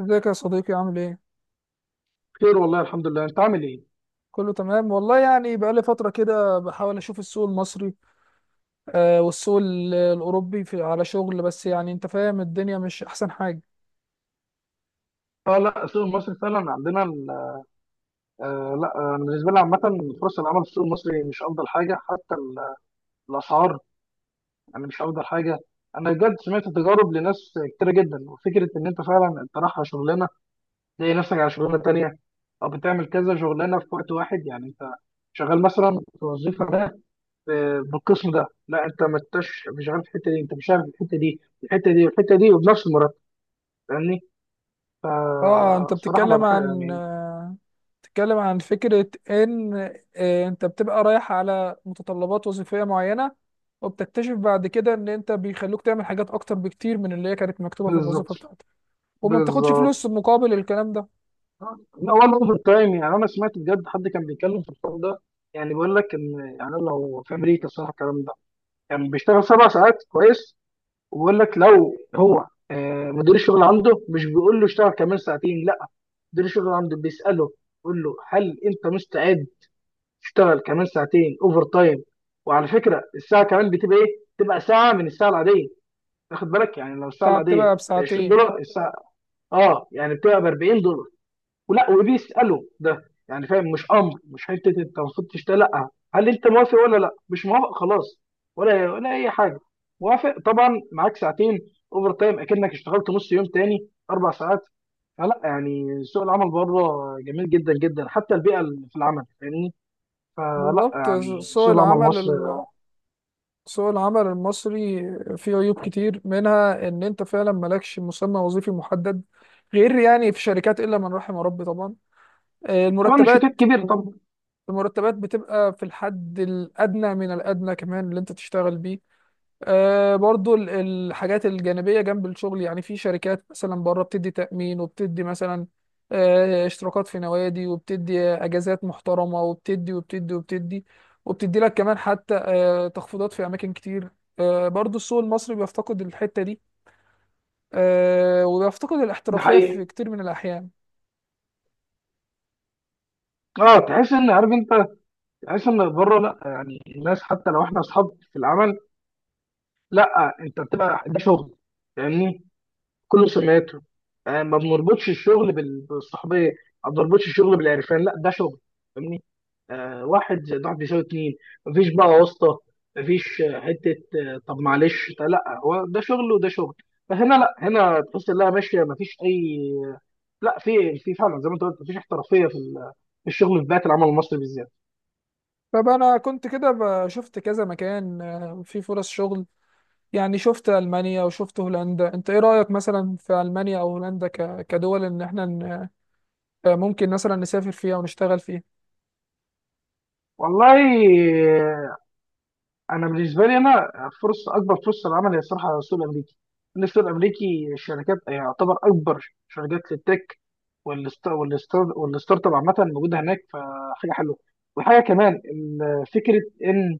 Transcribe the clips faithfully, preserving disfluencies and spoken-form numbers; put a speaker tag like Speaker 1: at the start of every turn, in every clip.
Speaker 1: ازيك يا صديقي عامل ايه؟
Speaker 2: خير، والله الحمد لله. انت عامل ايه؟
Speaker 1: كله تمام والله، يعني بقالي فترة كده بحاول اشوف السوق المصري. آه، والسوق ال- الاوروبي في على شغل، بس يعني انت فاهم الدنيا مش احسن حاجة.
Speaker 2: اه، لا، السوق المصري فعلا عندنا ال- آه لا، آه، بالنسبه لي عامه، فرص العمل في السوق المصري مش افضل حاجه. حتى ال- الاسعار، يعني مش افضل حاجه. انا بجد سمعت تجارب لناس كتيره جدا، وفكره ان انت فعلا انت رايح على شغلانه تلاقي نفسك على شغلانه تانيه، او بتعمل كذا شغلانه في وقت واحد. يعني انت شغال مثلا في الوظيفه ده، آه، بالقسم ده، لا، انت ما انتش مش شغال في الحته دي، انت مش شغال في الحته دي، الحته دي والحته دي، وبنفس المرتب. فاهمني؟
Speaker 1: اه، انت
Speaker 2: فالصراحه ما
Speaker 1: بتتكلم
Speaker 2: بحب
Speaker 1: عن
Speaker 2: يعني.
Speaker 1: آه، بتتكلم عن فكرة ان آه، انت بتبقى رايح على متطلبات وظيفية معينة، وبتكتشف بعد كده ان انت بيخلوك تعمل حاجات اكتر بكتير من اللي هي كانت مكتوبة في
Speaker 2: بالظبط.
Speaker 1: الوظيفة بتاعتك، وما بتاخدش
Speaker 2: بالظبط.
Speaker 1: فلوس مقابل الكلام ده.
Speaker 2: لا، ولا اوفر تايم. يعني انا سمعت بجد حد كان بيتكلم في الحوار ده، يعني بيقول لك ان يعني لو في امريكا الصراحه الكلام ده يعني بيشتغل سبع ساعات كويس. وبيقول لك لو هو آه، مدير الشغل عنده مش بيقول له اشتغل كمان ساعتين، لا، مدير الشغل عنده بيساله، بيقول له هل انت مستعد تشتغل كمان ساعتين اوفر تايم. وعلى فكره، الساعه كمان بتبقى ايه؟ بتبقى ساعه من الساعه العاديه. تاخد بالك، يعني لو الساعه
Speaker 1: بتاع-
Speaker 2: العاديه
Speaker 1: بتبقى
Speaker 2: ب 20
Speaker 1: بساعتين.
Speaker 2: دولار الساعه اه يعني بتبقى ب اربعين دولار. ولا، وبيساله ده يعني، فاهم؟ مش امر، مش حته انت المفروض تشتغل. لا، هل انت موافق ولا لا مش موافق؟ خلاص، ولا ولا اي حاجه. موافق طبعا، معاك ساعتين اوفر تايم، اكنك اشتغلت نص يوم تاني، اربع ساعات. فلا يعني سوق العمل بره جميل جدا جدا، حتى البيئه اللي في العمل. فاهمني؟ فلا
Speaker 1: بالظبط.
Speaker 2: يعني
Speaker 1: سوق
Speaker 2: سوق العمل
Speaker 1: العمل
Speaker 2: مصر.
Speaker 1: سوق العمل المصري فيه عيوب كتير، منها ان انت فعلا مالكش مسمى وظيفي محدد، غير يعني في شركات الا من رحم ربي طبعا. آه،
Speaker 2: طبعا الشتات
Speaker 1: المرتبات
Speaker 2: كبير طبعا.
Speaker 1: المرتبات بتبقى في الحد الادنى من الادنى، كمان اللي انت تشتغل بيه. آه، برضو ال- الحاجات الجانبية جنب الشغل، يعني في شركات مثلا بره بتدي تأمين، وبتدي مثلا آه، اشتراكات في نوادي، وبتدي أجازات محترمة، وبتدي وبتدي وبتدي وبتدي لك كمان حتى آه، تخفيضات في أماكن كتير. آه، برضو السوق المصري بيفتقد الحتة دي، آه، وبيفتقد
Speaker 2: ده
Speaker 1: الاحترافية في
Speaker 2: حقيقي.
Speaker 1: كتير من الأحيان.
Speaker 2: اه، تحس ان، عارف انت، تحس ان بره لا، يعني الناس حتى لو احنا اصحاب في العمل، لا، انت بتبقى ده شغل. فاهمني؟ كله سمعته. آه، ما بنربطش الشغل بال- بالصحبيه، ما بنربطش الشغل بالعرفان، لا، ده شغل. فاهمني؟ آه واحد زائد واحد بيساوي اتنين. مفيش بقى واسطه، مفيش آه، حته، آه، طب معلش، طب لا هو ده شغل وده شغل. فهنا لا، هنا تحس انها ماشيه، مفيش اي. لا، في في فعلا زي ما انت قلت مفيش احترافيه في ال- في الشغل، في بيئه العمل المصري بالذات.
Speaker 1: فأنا كنت كده ب- شفت كذا مكان آه، في فرص شغل، يعني شفت ألمانيا وشفت هولندا. انت ايه رأيك مثلا في ألمانيا او هولندا ك... كدول ان احنا ن... ممكن مثلا نسافر فيها ونشتغل فيها؟
Speaker 2: والله، انا بالنسبه لي انا، فرصه، اكبر فرصه للعمل هي الصراحه على السوق الامريكي، لان السوق الامريكي الشركات يعتبر اكبر شركات للتك. والست- والستار- والستارت اب عامه موجوده هناك، فحاجه حلوه. وحاجه كمان، ال- فكره ان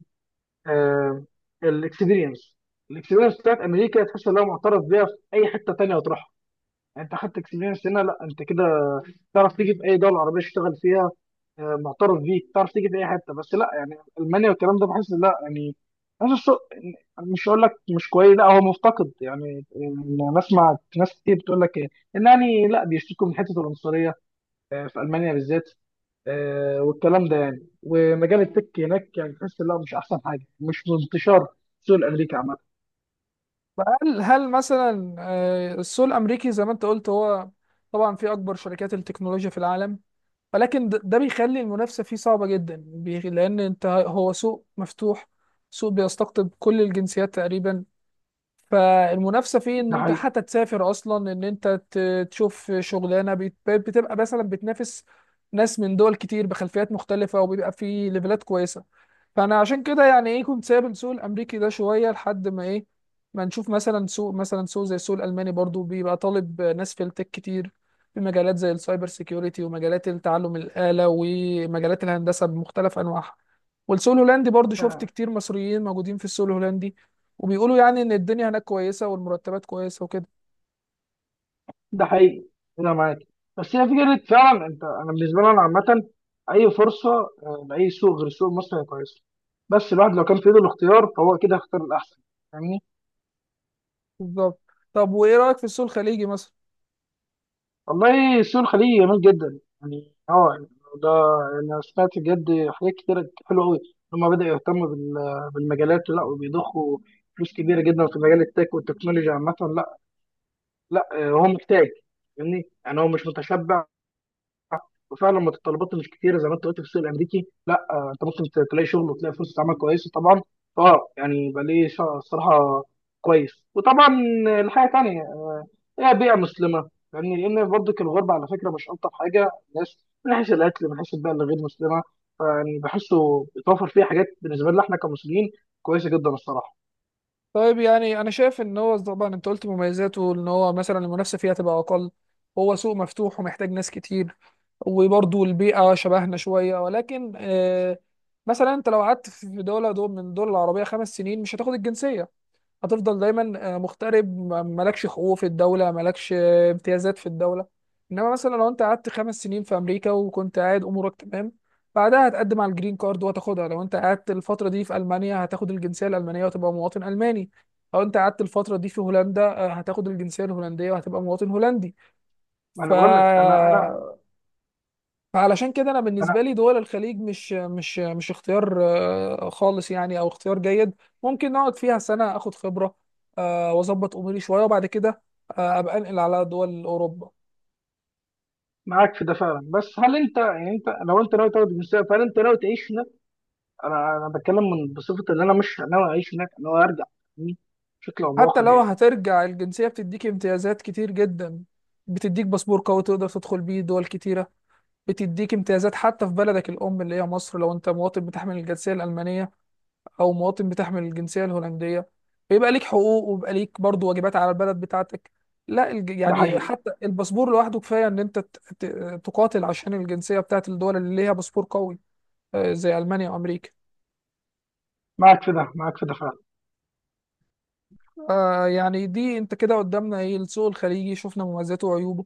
Speaker 2: الاكسبيرينس الاكسبيرينس بتاعت امريكا تحس انها معترف بيها في اي حته تانيه هتروحها. يعني انت خدت اكسبيرينس هنا، لا، انت كده تعرف تيجي في اي دوله عربيه تشتغل فيها. آه، معترف بيك، تعرف تيجي في اي حته. بس لا يعني المانيا والكلام ده بحس لا، يعني حاسس السوق، مش هقول لك مش كويس، لا، هو مفتقد. يعني أنا بسمع ناس كتير بتقول لك إيه، ان يعني لا بيشتكوا من حته العنصريه آه، في المانيا بالذات، آه، والكلام ده يعني، ومجال التك هناك يعني تحس لا، مش احسن حاجه، مش منتشر السوق الامريكي عامه.
Speaker 1: هل هل مثلا آه، السوق الامريكي زي ما انت قلت، هو طبعا في اكبر شركات التكنولوجيا في العالم، ولكن د- ده بيخلي المنافسه فيه صعبه جدا، بي- لان انت هو سوق مفتوح، سوق بيستقطب كل الجنسيات تقريبا. فالمنافسه فيه ان
Speaker 2: ده
Speaker 1: انت
Speaker 2: حقيقي.
Speaker 1: حتى تسافر اصلا، ان انت ت- تشوف شغلانه بت- بتبقى مثلا بتنافس ناس من دول كتير بخلفيات مختلفه، وبيبقى في ليفلات كويسه. فانا عشان كده يعني ايه كنت سايب السوق الامريكي ده شويه، لحد ما ايه، ما نشوف مثلا سوق مثلا سوق زي السوق الالماني، برضو بيبقى طالب ناس في التك كتير، في مجالات زي السايبر سيكيورتي، ومجالات التعلم الاله، ومجالات الهندسه بمختلف انواعها. والسوق الهولندي برضو شفت كتير مصريين موجودين في السوق الهولندي، وبيقولوا يعني ان الدنيا هناك كويسه، والمرتبات كويسه وكده.
Speaker 2: ده حقيقي، انا معاك. بس هي فكره، فعلا انت، انا بالنسبه لي انا عامه، اي فرصه آه، لاي سوق غير سوق مصر هي كويسه. بس الواحد لو كان في ايده الاختيار فهو كده هيختار الاحسن. فاهمني؟
Speaker 1: بالظبط. طب وايه رايك في السوق الخليجي مثلا؟
Speaker 2: والله، سوق الخليج جميل جدا، يعني اه يعني، ده، انا سمعت بجد حاجات كتير حلوه قوي. هما بدأوا يهتموا بال- بالمجالات، لا، وبيضخوا فلوس كبيره جدا في مجال التك والتكنولوجيا عامه. لا، لا، آه، هو محتاج. فاهمني؟ يعني هو مش متشبع. وفعلا متطلبات الكتيره زي ما انت قلت في السوق الامريكي، لا، آه، انت ممكن ت- تلاقي شغل وتلاقي فرصه عمل كويسه طبعا. اه يعني يبقى ليه. شا- الصراحه كويس. وطبعا الحاجه تانية، هي بيئه مسلمه. يعني لان برضه الغربه على فكره مش الطف حاجه. الناس، من حيث الاكل، من حيث البيئه اللي غير مسلمه، فيعني بحسه بيتوفر فيه حاجات بالنسبه لنا احنا كمسلمين كويسه جدا الصراحه.
Speaker 1: طيب يعني انا شايف ان هو طبعا انت قلت مميزاته ان هو مثلا المنافسه فيها تبقى اقل، هو سوق مفتوح ومحتاج ناس كتير، وبرضه البيئه شبهنا شويه، ولكن آه مثلا انت لو قعدت في دوله دول من الدول العربيه خمس سنين مش هتاخد الجنسيه، هتفضل دايما آه، مغترب، ما- مالكش حقوق في الدولة، مالكش آه، امتيازات في الدولة. انما مثلا لو انت قعدت خمس سنين في امريكا وكنت قاعد امورك تمام، بعدها هتقدم على الجرين كارد وهتاخدها. لو انت قعدت الفترة دي في المانيا هتاخد الجنسية الالمانية وهتبقى مواطن الماني، لو انت قعدت الفترة دي في هولندا آه، هتاخد الجنسية الهولندية وهتبقى مواطن هولندي.
Speaker 2: ما
Speaker 1: ف
Speaker 2: انا بقول لك انا انا.
Speaker 1: فعلشان كده انا
Speaker 2: انا
Speaker 1: بالنسبه لي دول الخليج مش مش مش اختيار آه، خالص، يعني او اختيار جيد، ممكن نقعد فيها سنه اخد خبره آه، واظبط اموري شويه، وبعد كده آه، ابقى انقل على دول اوروبا.
Speaker 2: معاك في ده فعلا. بس هل انت يعني انت، لو انت ناوي تاخد الجنسيه فهل انت ناوي تعيش هناك؟ انا، انا بتكلم من بصفه ان انا مش ناوي اعيش هناك، انا ناوي ارجع يعني، بشكل او
Speaker 1: حتى
Speaker 2: باخر
Speaker 1: لو
Speaker 2: يعني.
Speaker 1: هترجع، الجنسيه بتديك امتيازات كتير جدا، بتديك باسبور قوي تقدر تدخل بيه دول كتيره، بتديك امتيازات حتى في بلدك الام اللي هي مصر. لو انت مواطن بتحمل الجنسيه الالمانيه او مواطن بتحمل الجنسيه الهولنديه، فيبقى ليك حقوق ويبقى ليك برضو واجبات على البلد بتاعتك. لا الج...
Speaker 2: ده
Speaker 1: يعني
Speaker 2: حقيقي.
Speaker 1: حتى الباسبور لوحده كفايه ان انت ت... ت... تقاتل عشان الجنسيه بتاعت الدول اللي ليها باسبور قوي، آه، زي المانيا وامريكا.
Speaker 2: معاك في ده، معاك في ده فعلا.
Speaker 1: آه يعني دي انت كده قدامنا ايه، السوق الخليجي شفنا مميزاته وعيوبه،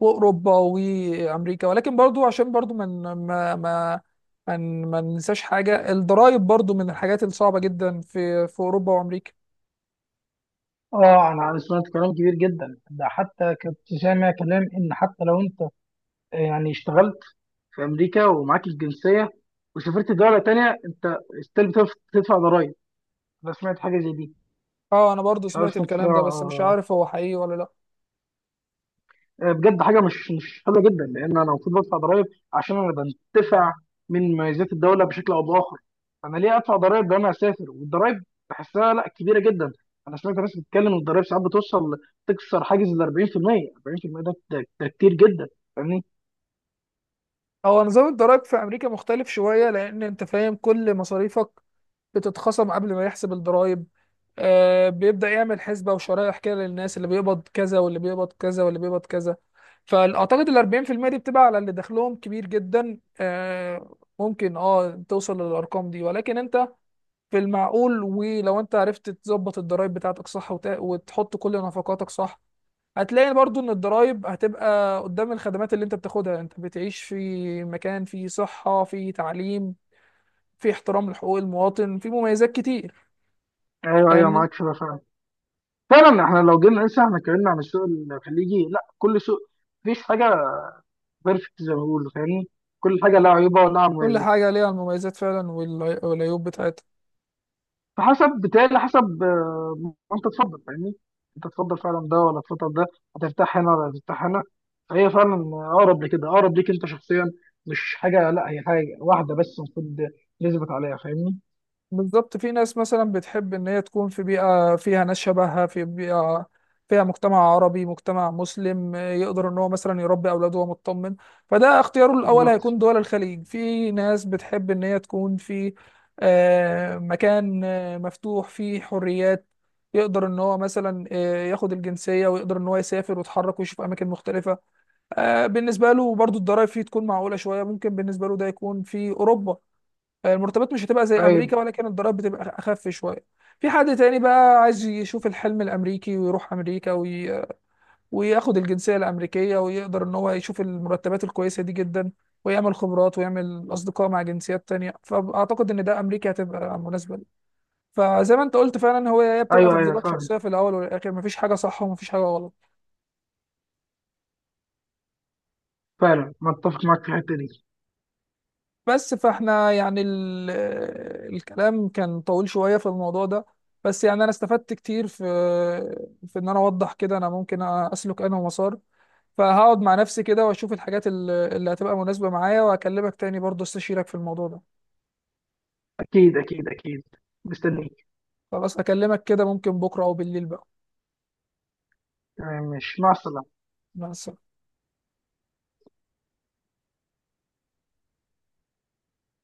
Speaker 1: واوروبا وامريكا، ولكن برضو عشان برضو من ما ما ما ما ننساش حاجه، الضرائب برضو من الحاجات الصعبه جدا في في اوروبا وامريكا.
Speaker 2: اه، انا أنا سمعت كلام كبير جدا. ده حتى كنت سامع كلام ان حتى لو انت آه، يعني اشتغلت في امريكا ومعاك الجنسيه، وسافرت دوله تانية، انت ستيل بتدفع ضرائب. انا سمعت حاجه زي دي.
Speaker 1: اه، انا برضو
Speaker 2: مش عارف،
Speaker 1: سمعت
Speaker 2: سمعت
Speaker 1: الكلام ده، بس مش
Speaker 2: فيها
Speaker 1: عارف هو حقيقي ولا لا.
Speaker 2: آه، بجد حاجه مش مش حلوه جدا. لان انا المفروض بدفع ضرائب عشان انا بنتفع من مميزات الدوله بشكل او باخر. انا ليه ادفع ضرائب لو انا اسافر؟ والضرائب بحسها، لا، كبيره جدا. انا سمعت ناس بتتكلم إن الضرائب ساعات بتوصل تكسر حاجز ال اربعين في المية، اربعين بالمية. ده ده ده كتير جدا. فاهمني؟
Speaker 1: هو نظام الضرائب في امريكا مختلف شوية، لان انت فاهم كل مصاريفك بتتخصم قبل ما يحسب الضرائب. آه بيبدأ يعمل حسبة وشرائح كده للناس اللي بيقبض كذا واللي بيقبض كذا واللي بيقبض كذا، فاعتقد ال أربعين في المية دي بتبقى على اللي دخلهم كبير جدا، آه ممكن اه توصل للارقام دي، ولكن انت في المعقول، ولو انت عرفت تظبط الضرائب بتاعتك صح وت- وتحط كل نفقاتك صح، هتلاقي برضو ان الضرايب هتبقى قدام الخدمات اللي انت بتاخدها. انت بتعيش في مكان فيه صحة، فيه تعليم، فيه احترام لحقوق المواطن، فيه مميزات كتير،
Speaker 2: ايوه، ايوه،
Speaker 1: فاهمني.
Speaker 2: معاك شبه فعلا. فعلا احنا لو جينا نقيسها، احنا اتكلمنا عن السوق الخليجي، لا، كل سوق، مفيش حاجه بيرفكت زي ما بيقولوا. فاهمني؟ كل حاجه لها عيوبها ولها
Speaker 1: كل
Speaker 2: مميزات.
Speaker 1: حاجة ليها المميزات فعلا والعي- والعيوب بتاعتها.
Speaker 2: فحسب، بتهيألي حسب آه، ما انت تفضل. فاهمني؟ انت تفضل فعلا ده ولا تفضل ده؟ هترتاح هنا ولا هترتاح هنا؟ فهي فعلا اقرب لكده، اقرب ليك انت شخصيا. مش حاجه، لا، هي حاجه واحده بس المفروض نثبت عليها. فاهمني؟
Speaker 1: بالظبط. في ناس مثلا بتحب ان هي تكون في بيئة فيها ناس شبهها، في بيئة فيها مجتمع عربي، مجتمع مسلم، آه، يقدر ان هو مثلا يربي اولاده وهو مطمن، فده اختياره الاول
Speaker 2: بالظبط.
Speaker 1: هيكون دول الخليج. في ناس بتحب ان هي تكون في آه، مكان آه، مفتوح فيه حريات، يقدر ان هو مثلا آه، ياخد الجنسية، ويقدر ان هو يسافر ويتحرك ويشوف اماكن مختلفة، آه، بالنسبة له برضو الضرايب فيه تكون معقولة شوية، ممكن بالنسبة له ده يكون في اوروبا. المرتبات مش هتبقى زي
Speaker 2: ايوه،
Speaker 1: امريكا، ولكن الضرائب بتبقى اخف شويه. في حد تاني بقى عايز يشوف الحلم الامريكي، ويروح امريكا وي... وياخد الجنسيه الامريكيه، ويقدر ان هو يشوف المرتبات الكويسه دي جدا، ويعمل خبرات ويعمل اصدقاء مع جنسيات تانية، فاعتقد ان ده امريكا هتبقى مناسبه ليه. فزي ما انت قلت، فعلا هو هي بتبقى
Speaker 2: ايوه، ايوه
Speaker 1: تفضيلات
Speaker 2: فعلا.
Speaker 1: شخصيه في الاول والاخر، مفيش حاجه صح ومفيش حاجه غلط.
Speaker 2: فعلا متفق معاك في الحته دي.
Speaker 1: بس فاحنا يعني ال... الكلام كان طويل شوية في الموضوع ده، بس يعني انا استفدت كتير في في ان انا اوضح كده انا ممكن اسلك انا مسار. فهقعد مع نفسي كده واشوف الحاجات ال- اللي هتبقى مناسبة معايا، واكلمك تاني برضه استشيرك في الموضوع ده.
Speaker 2: اكيد اكيد اكيد، مستنيك.
Speaker 1: خلاص اكلمك كده، ممكن بكرة او بالليل بقى.
Speaker 2: تمام، ماشي، مع السلامه.
Speaker 1: مع السلامة.